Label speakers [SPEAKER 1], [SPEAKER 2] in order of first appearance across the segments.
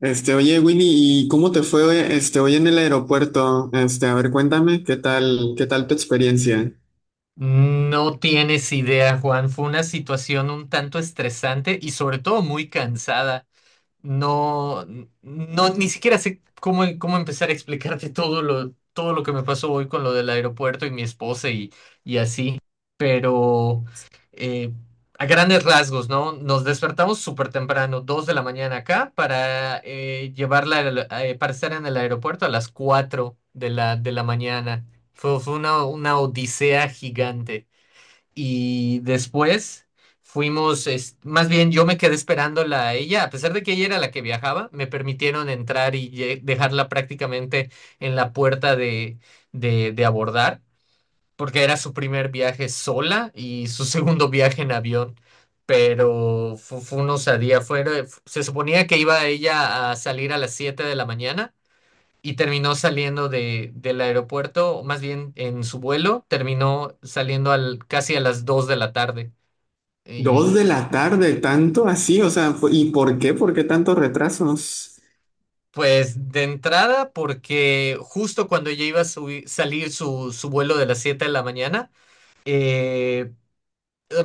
[SPEAKER 1] Oye, Winnie, ¿y cómo te fue, hoy en el aeropuerto? A ver, cuéntame, ¿qué tal tu experiencia?
[SPEAKER 2] No tienes idea, Juan. Fue una situación un tanto estresante y sobre todo muy cansada. No, no, ni siquiera sé cómo empezar a explicarte todo lo que me pasó hoy con lo del aeropuerto y mi esposa y así, pero eh, a grandes rasgos, ¿no? Nos despertamos súper temprano, 2 de la mañana acá, para llevarla, para estar en el aeropuerto a las cuatro de la mañana. Fue una odisea gigante y después más bien yo me quedé esperándola a ella, a pesar de que ella era la que viajaba, me permitieron entrar y dejarla prácticamente en la puerta de abordar, porque era su primer viaje sola y su segundo viaje en avión. Pero fue una osadía. Se suponía que iba ella a salir a las 7 de la mañana y terminó saliendo del aeropuerto, o más bien en su vuelo, terminó saliendo casi a las 2 de la tarde.
[SPEAKER 1] Dos
[SPEAKER 2] Y
[SPEAKER 1] de la tarde, tanto así, o sea, ¿y por qué? ¿Por qué tantos retrasos?
[SPEAKER 2] pues de entrada, porque justo cuando ya iba a salir su vuelo de las 7 de la mañana, eh,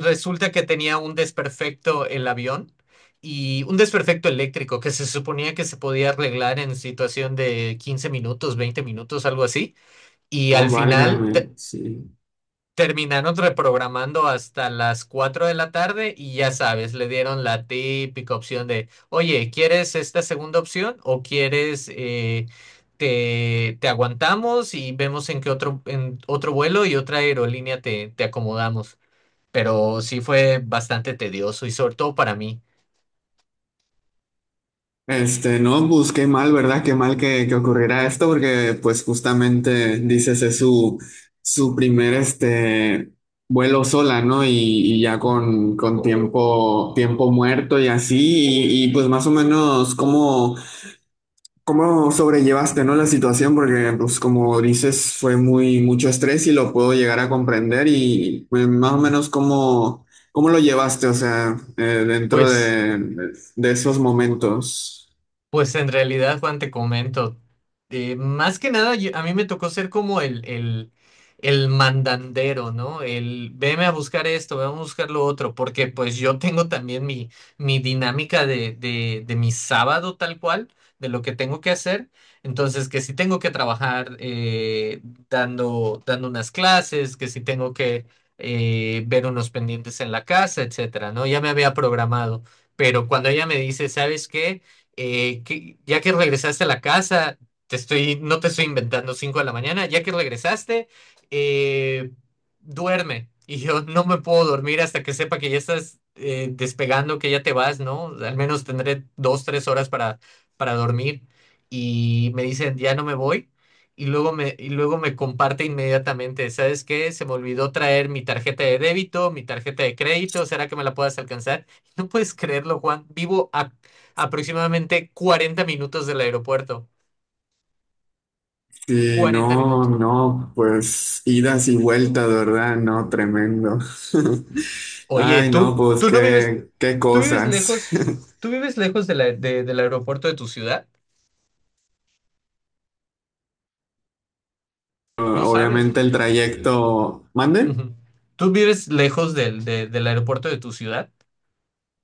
[SPEAKER 2] resulta que tenía un desperfecto el avión. Y un desperfecto eléctrico que se suponía que se podía arreglar en situación de 15 minutos, 20 minutos, algo así. Y
[SPEAKER 1] Oh,
[SPEAKER 2] al final,
[SPEAKER 1] válgame, sí.
[SPEAKER 2] terminaron reprogramando hasta las 4 de la tarde y ya sabes, le dieron la típica opción de, oye, ¿quieres esta segunda opción o quieres te aguantamos y vemos en qué otro, en otro vuelo y otra aerolínea te acomodamos? Pero sí fue bastante tedioso y sobre todo para mí.
[SPEAKER 1] No, pues qué mal, ¿verdad? Qué mal que ocurriera esto, porque pues justamente dices es su primer vuelo sola, ¿no? Y ya
[SPEAKER 2] Ujú,
[SPEAKER 1] con tiempo muerto y así, pues más o menos cómo. ¿Cómo sobrellevaste, no, la situación? Porque, pues, como dices, fue muy mucho estrés y lo puedo llegar a comprender y pues, más o
[SPEAKER 2] ujú.
[SPEAKER 1] menos cómo lo llevaste, o sea, dentro
[SPEAKER 2] Pues...
[SPEAKER 1] de esos momentos.
[SPEAKER 2] Pues en realidad, Juan, te comento, más que nada a mí me tocó ser como el mandandero, ¿no? El veme a buscar esto, veme a buscar lo otro, porque pues yo tengo también mi dinámica de mi sábado tal cual, de lo que tengo que hacer, entonces que si tengo que trabajar dando unas clases, que si tengo que ver unos pendientes en la casa, etcétera, ¿no? Ya me había programado, pero cuando ella me dice, ¿sabes qué? Ya que regresaste a la casa, te estoy, no te estoy inventando 5 de la mañana, ya que regresaste, eh, duerme. Y yo no me puedo dormir hasta que sepa que ya estás despegando, que ya te vas, ¿no? Al menos tendré dos, tres horas para dormir. Y me dicen, ya no me voy. Y luego me comparte inmediatamente, ¿sabes qué? Se me olvidó traer mi tarjeta de débito, mi tarjeta de crédito, ¿será que me la puedas alcanzar? No puedes creerlo, Juan. Vivo a aproximadamente 40 minutos del aeropuerto.
[SPEAKER 1] Y
[SPEAKER 2] cuarenta
[SPEAKER 1] no,
[SPEAKER 2] minutos.
[SPEAKER 1] no, pues idas y vueltas, ¿verdad? No, tremendo.
[SPEAKER 2] Oye,
[SPEAKER 1] Ay, no,
[SPEAKER 2] tú,
[SPEAKER 1] pues
[SPEAKER 2] tú no vives,
[SPEAKER 1] qué
[SPEAKER 2] tú vives
[SPEAKER 1] cosas.
[SPEAKER 2] lejos, tú vives lejos del aeropuerto de tu ciudad. No sabes.
[SPEAKER 1] Obviamente el trayecto, ¿mande?
[SPEAKER 2] Ujú. ¿Tú vives lejos del aeropuerto de tu ciudad?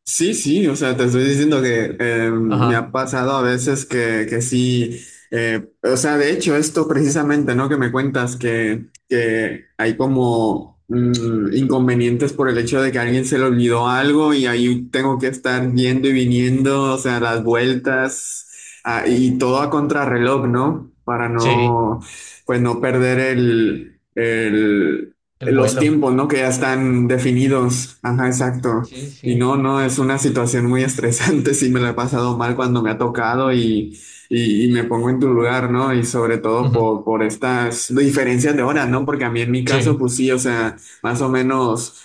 [SPEAKER 1] Sí, sí, o sea, te estoy diciendo que me
[SPEAKER 2] Ajá.
[SPEAKER 1] ha pasado a veces que sí, o sea, de hecho, esto precisamente, ¿no? Que me cuentas que hay como inconvenientes por el hecho de que a alguien se le olvidó algo y ahí tengo que estar yendo y viniendo, o sea, las vueltas y todo a contrarreloj, ¿no? Para
[SPEAKER 2] Sí,
[SPEAKER 1] no, pues no perder
[SPEAKER 2] el
[SPEAKER 1] los
[SPEAKER 2] vuelo.
[SPEAKER 1] tiempos, ¿no? Que ya están definidos. Ajá, exacto.
[SPEAKER 2] Sí,
[SPEAKER 1] Y
[SPEAKER 2] sí.
[SPEAKER 1] no, no, es una situación muy estresante, sí me la he pasado mal cuando me ha tocado y me pongo en tu lugar, ¿no? Y sobre todo
[SPEAKER 2] Ujú.
[SPEAKER 1] por estas diferencias de horas, ¿no? Porque a mí en mi caso,
[SPEAKER 2] Sí.
[SPEAKER 1] pues sí, o sea, más o menos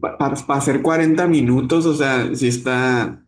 [SPEAKER 1] para hacer 40 minutos, o sea, sí está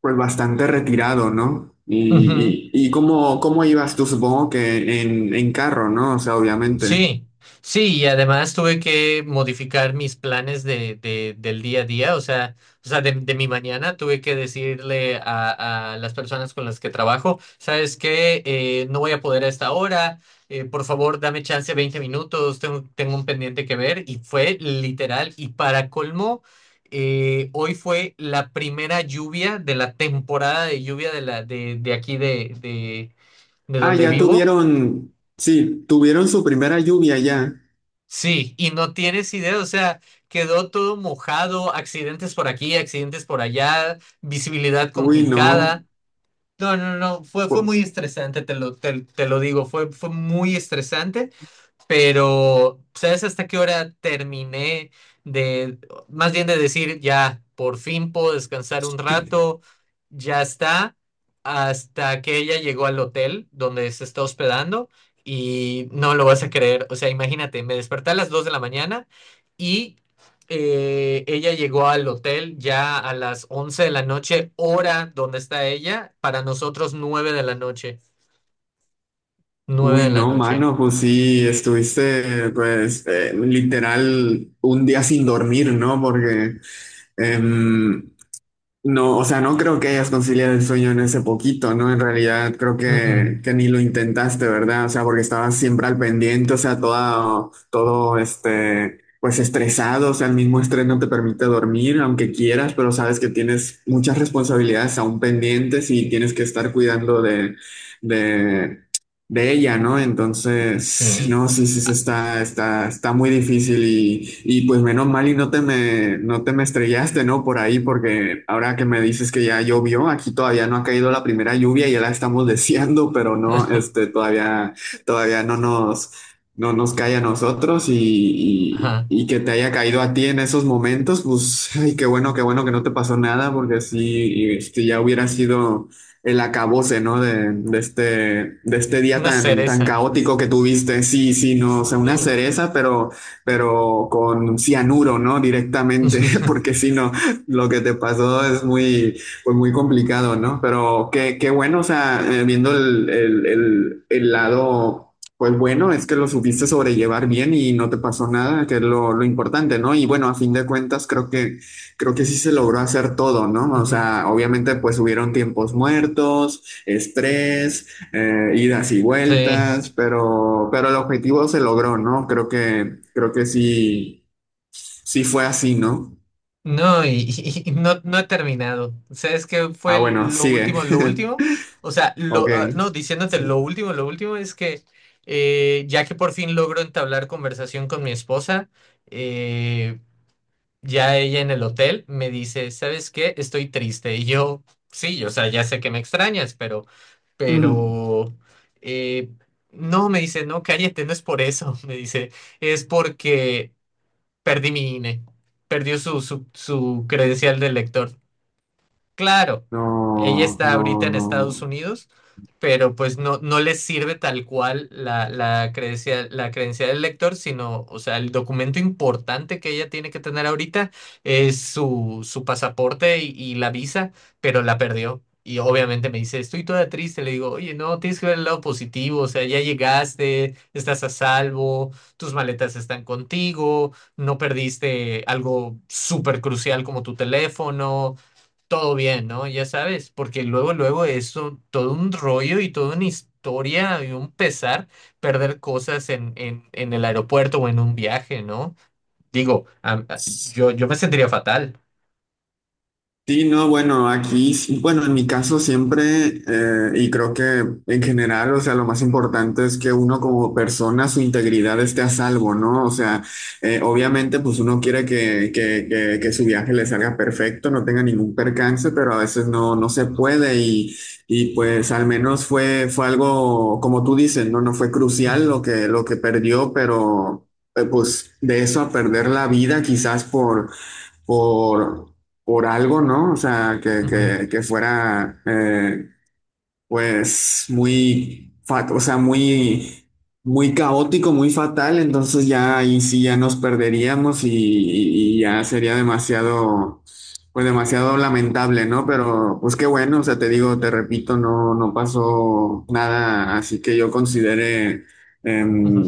[SPEAKER 1] pues bastante retirado, ¿no? Y,
[SPEAKER 2] Ujú.
[SPEAKER 1] y, y cómo ibas tú, supongo que en carro, ¿no? O sea, obviamente.
[SPEAKER 2] Sí, sí, y además tuve que modificar mis planes del día a día, o sea, de mi mañana tuve que decirle a las personas con las que trabajo, ¿sabes qué? No voy a poder a esta hora, por favor, dame chance 20 minutos, tengo un pendiente que ver, y fue literal, y para colmo, hoy fue la primera lluvia de la temporada de lluvia de aquí de
[SPEAKER 1] Ah,
[SPEAKER 2] donde
[SPEAKER 1] ya
[SPEAKER 2] vivo.
[SPEAKER 1] tuvieron, sí, tuvieron su primera lluvia ya.
[SPEAKER 2] Sí, y no tienes idea, o sea, quedó todo mojado, accidentes por aquí, accidentes por allá, visibilidad
[SPEAKER 1] Uy,
[SPEAKER 2] complicada.
[SPEAKER 1] no.
[SPEAKER 2] No, no, no, fue muy estresante, te lo digo, fue muy estresante, pero ¿sabes hasta qué hora terminé de, más bien de decir, ya, por fin puedo descansar un rato, ya está? Hasta que ella llegó al hotel donde se está hospedando, y no lo vas a creer. O sea, imagínate, me desperté a las 2 de la mañana y ella llegó al hotel ya a las 11 de la noche, hora donde está ella, para nosotros 9 de la noche, 9 de
[SPEAKER 1] Uy,
[SPEAKER 2] la
[SPEAKER 1] no,
[SPEAKER 2] noche.
[SPEAKER 1] mano, pues sí, estuviste, pues, literal un día sin dormir, ¿no? Porque, em, no, o sea, no creo que hayas conciliado el sueño en ese poquito, ¿no? En realidad creo
[SPEAKER 2] Mm,
[SPEAKER 1] que,
[SPEAKER 2] mm.
[SPEAKER 1] que ni lo intentaste, ¿verdad? O sea, porque estabas siempre al pendiente, o sea, todo, todo, pues estresado, o sea, el mismo estrés no te permite dormir, aunque quieras, pero sabes que tienes muchas responsabilidades aún pendientes y tienes que estar cuidando de de ella, ¿no? Entonces,
[SPEAKER 2] Sí.
[SPEAKER 1] no, sí, sí, sí, está muy difícil y pues menos mal y no te me estrellaste, ¿no? Por ahí, porque ahora que me dices que ya llovió, aquí todavía no ha caído la primera lluvia, y ya la estamos deseando, pero no, todavía no nos cae a nosotros y,
[SPEAKER 2] Ajá,
[SPEAKER 1] y, y que te haya caído a ti en esos momentos, pues, ay, qué bueno que no te pasó nada, porque sí, ya hubiera sido el acabose, ¿no? De este día
[SPEAKER 2] una
[SPEAKER 1] tan, tan
[SPEAKER 2] cereza.
[SPEAKER 1] caótico que tuviste. Sí, sí, no, o sea, una
[SPEAKER 2] Sí.
[SPEAKER 1] cereza, pero con cianuro, ¿no? Directamente, porque sí no, lo que te pasó es pues muy complicado, ¿no? Pero qué bueno, o sea, viendo el lado. Pues bueno, es que lo supiste sobrellevar bien y no te pasó nada, que es lo importante, ¿no? Y bueno, a fin de cuentas, creo que sí se logró hacer todo, ¿no? O
[SPEAKER 2] Ujú.
[SPEAKER 1] sea, obviamente pues hubieron tiempos muertos, estrés, idas y
[SPEAKER 2] Sí.
[SPEAKER 1] vueltas, pero el objetivo se logró, ¿no? Creo que sí, sí fue así, ¿no?
[SPEAKER 2] No, y no, no he terminado. ¿Sabes qué
[SPEAKER 1] Ah,
[SPEAKER 2] fue
[SPEAKER 1] bueno,
[SPEAKER 2] lo
[SPEAKER 1] sigue.
[SPEAKER 2] último, lo último? O sea,
[SPEAKER 1] Ok.
[SPEAKER 2] ah, no, diciéndote
[SPEAKER 1] Sí.
[SPEAKER 2] lo último es que ya que por fin logro entablar conversación con mi esposa, eh, Ya ella en el hotel me dice, ¿sabes qué? Estoy triste. Y yo, sí, o sea, ya sé que me extrañas, pero,
[SPEAKER 1] Mm.
[SPEAKER 2] pero, eh, no, me dice, no, cállate, no es por eso. Me dice, es porque perdí mi INE, perdió su credencial de lector. Claro, ella
[SPEAKER 1] No,
[SPEAKER 2] está
[SPEAKER 1] no,
[SPEAKER 2] ahorita en Estados
[SPEAKER 1] no.
[SPEAKER 2] Unidos, pero pues no, no les sirve tal cual la credencial del lector, sino, o sea, el documento importante que ella tiene que tener ahorita es su pasaporte y la visa, pero la perdió. Y obviamente me dice, estoy toda triste. Le digo, oye, no, tienes que ver el lado positivo, o sea, ya llegaste, estás a salvo, tus maletas están contigo, no perdiste algo súper crucial como tu teléfono, todo bien, ¿no? Ya sabes, porque luego, luego eso todo un rollo y toda una historia y un pesar perder cosas en el aeropuerto o en un viaje, ¿no? Digo, yo me sentiría fatal.
[SPEAKER 1] Sí, no, bueno, aquí, sí, bueno, en mi caso siempre, y creo que en general, o sea, lo más importante es que uno como persona, su integridad esté a salvo, ¿no? O sea, obviamente, pues uno quiere que su viaje le salga perfecto, no tenga ningún percance, pero a veces no, no se puede y pues al menos fue algo, como tú dices, ¿no? No fue
[SPEAKER 2] Ujú,
[SPEAKER 1] crucial lo que perdió, pero pues de eso a perder la vida quizás por, por algo, ¿no? O sea, que,
[SPEAKER 2] ujú,
[SPEAKER 1] que, que fuera, pues, o sea, muy, muy caótico, muy fatal, entonces ya ahí sí ya nos perderíamos y ya sería demasiado, pues, demasiado lamentable, ¿no? Pero, pues, qué bueno, o sea, te digo, te repito, no, no pasó nada, así que yo consideré
[SPEAKER 2] ujú.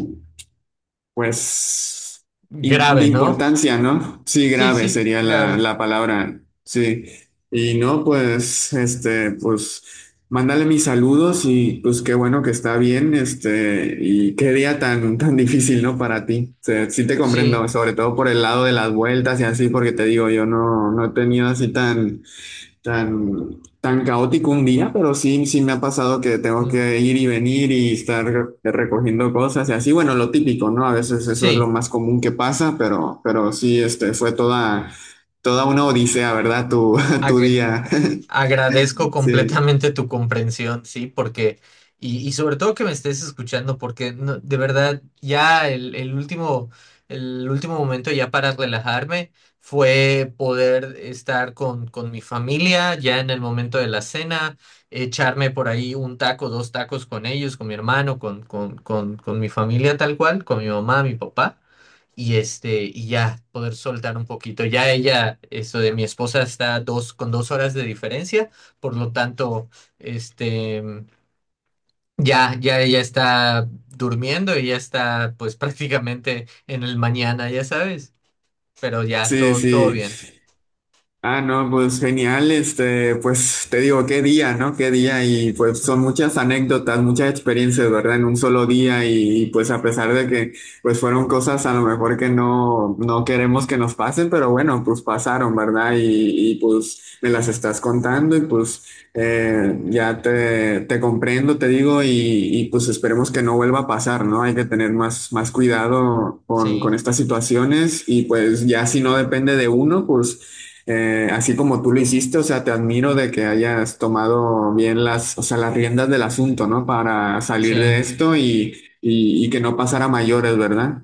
[SPEAKER 1] pues de
[SPEAKER 2] Grave, ¿no?
[SPEAKER 1] importancia, ¿no? Sí,
[SPEAKER 2] Sí,
[SPEAKER 1] grave
[SPEAKER 2] sí,
[SPEAKER 1] sería la,
[SPEAKER 2] grave.
[SPEAKER 1] la palabra, sí. Y no, pues, pues, mándale mis saludos y pues qué bueno que está bien, y qué día tan, tan difícil, ¿no? Para ti. O sea, sí te
[SPEAKER 2] Sí,
[SPEAKER 1] comprendo, sobre todo por el lado de las vueltas y así, porque te digo, yo no he tenido así tan tan, tan caótico un día, pero sí, sí me ha pasado que tengo
[SPEAKER 2] mm,
[SPEAKER 1] que ir y venir y estar recogiendo cosas y así, bueno, lo típico, ¿no? A veces eso es lo
[SPEAKER 2] sí.
[SPEAKER 1] más común que pasa, pero sí, fue toda una odisea, ¿verdad? Tu día.
[SPEAKER 2] Agradezco
[SPEAKER 1] Sí,
[SPEAKER 2] completamente tu comprensión, sí, porque, y sobre todo que me estés escuchando, porque de verdad ya el último, el último momento ya para relajarme fue poder estar con mi familia ya en el momento de la cena, echarme por ahí un taco, dos tacos con ellos, con mi hermano, con mi familia tal cual, con mi mamá, mi papá y ya poder soltar un poquito. Ya ella, esto de mi esposa está con 2 horas de diferencia, por lo tanto, este, ya ella está durmiendo y ya está, pues, prácticamente en el mañana, ya sabes, pero ya
[SPEAKER 1] sí,
[SPEAKER 2] todo, todo
[SPEAKER 1] sí.
[SPEAKER 2] bien.
[SPEAKER 1] Ah, no, pues genial, pues te digo, qué día, ¿no? Qué día y pues son
[SPEAKER 2] Ujú.
[SPEAKER 1] muchas anécdotas, muchas experiencias, ¿verdad? En un solo día y, pues a pesar de que pues fueron cosas a lo mejor que no queremos que nos pasen, pero bueno, pues pasaron, ¿verdad? Y, pues me las estás contando y pues ya te comprendo, te digo, y, pues esperemos que no vuelva a pasar, ¿no? Hay que tener más cuidado con
[SPEAKER 2] Sí,
[SPEAKER 1] estas situaciones y pues ya si no depende de uno, pues. Así como tú lo hiciste, o sea, te admiro de que hayas tomado bien o sea, las riendas del asunto, ¿no? Para salir de
[SPEAKER 2] sí.
[SPEAKER 1] esto y que no pasara a mayores, ¿verdad?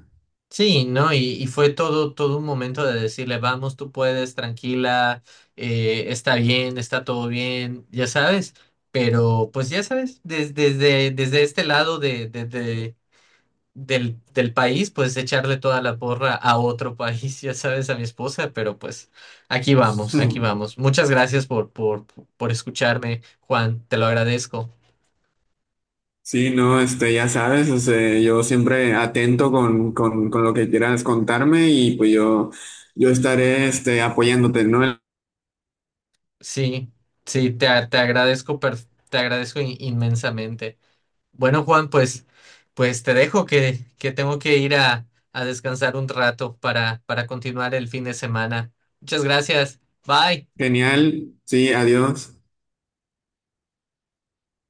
[SPEAKER 2] Sí, ¿no? Y fue todo, todo un momento de decirle, vamos, tú puedes, tranquila, está bien, está todo bien, ya sabes, pero pues ya sabes, desde este lado del país, pues echarle toda la porra a otro país, ya sabes, a mi esposa, pero pues aquí vamos, aquí vamos. Muchas gracias por escucharme, Juan, te lo agradezco.
[SPEAKER 1] Sí, no, ya sabes, o sea, yo siempre atento con lo que quieras contarme y pues yo estaré, apoyándote, ¿no?
[SPEAKER 2] Sí, sí, te agradezco, te agradezco, inmensamente. Bueno, Juan, pues te dejo que tengo que ir a descansar un rato para continuar el fin de semana. Muchas gracias. Bye.
[SPEAKER 1] Genial, sí, adiós.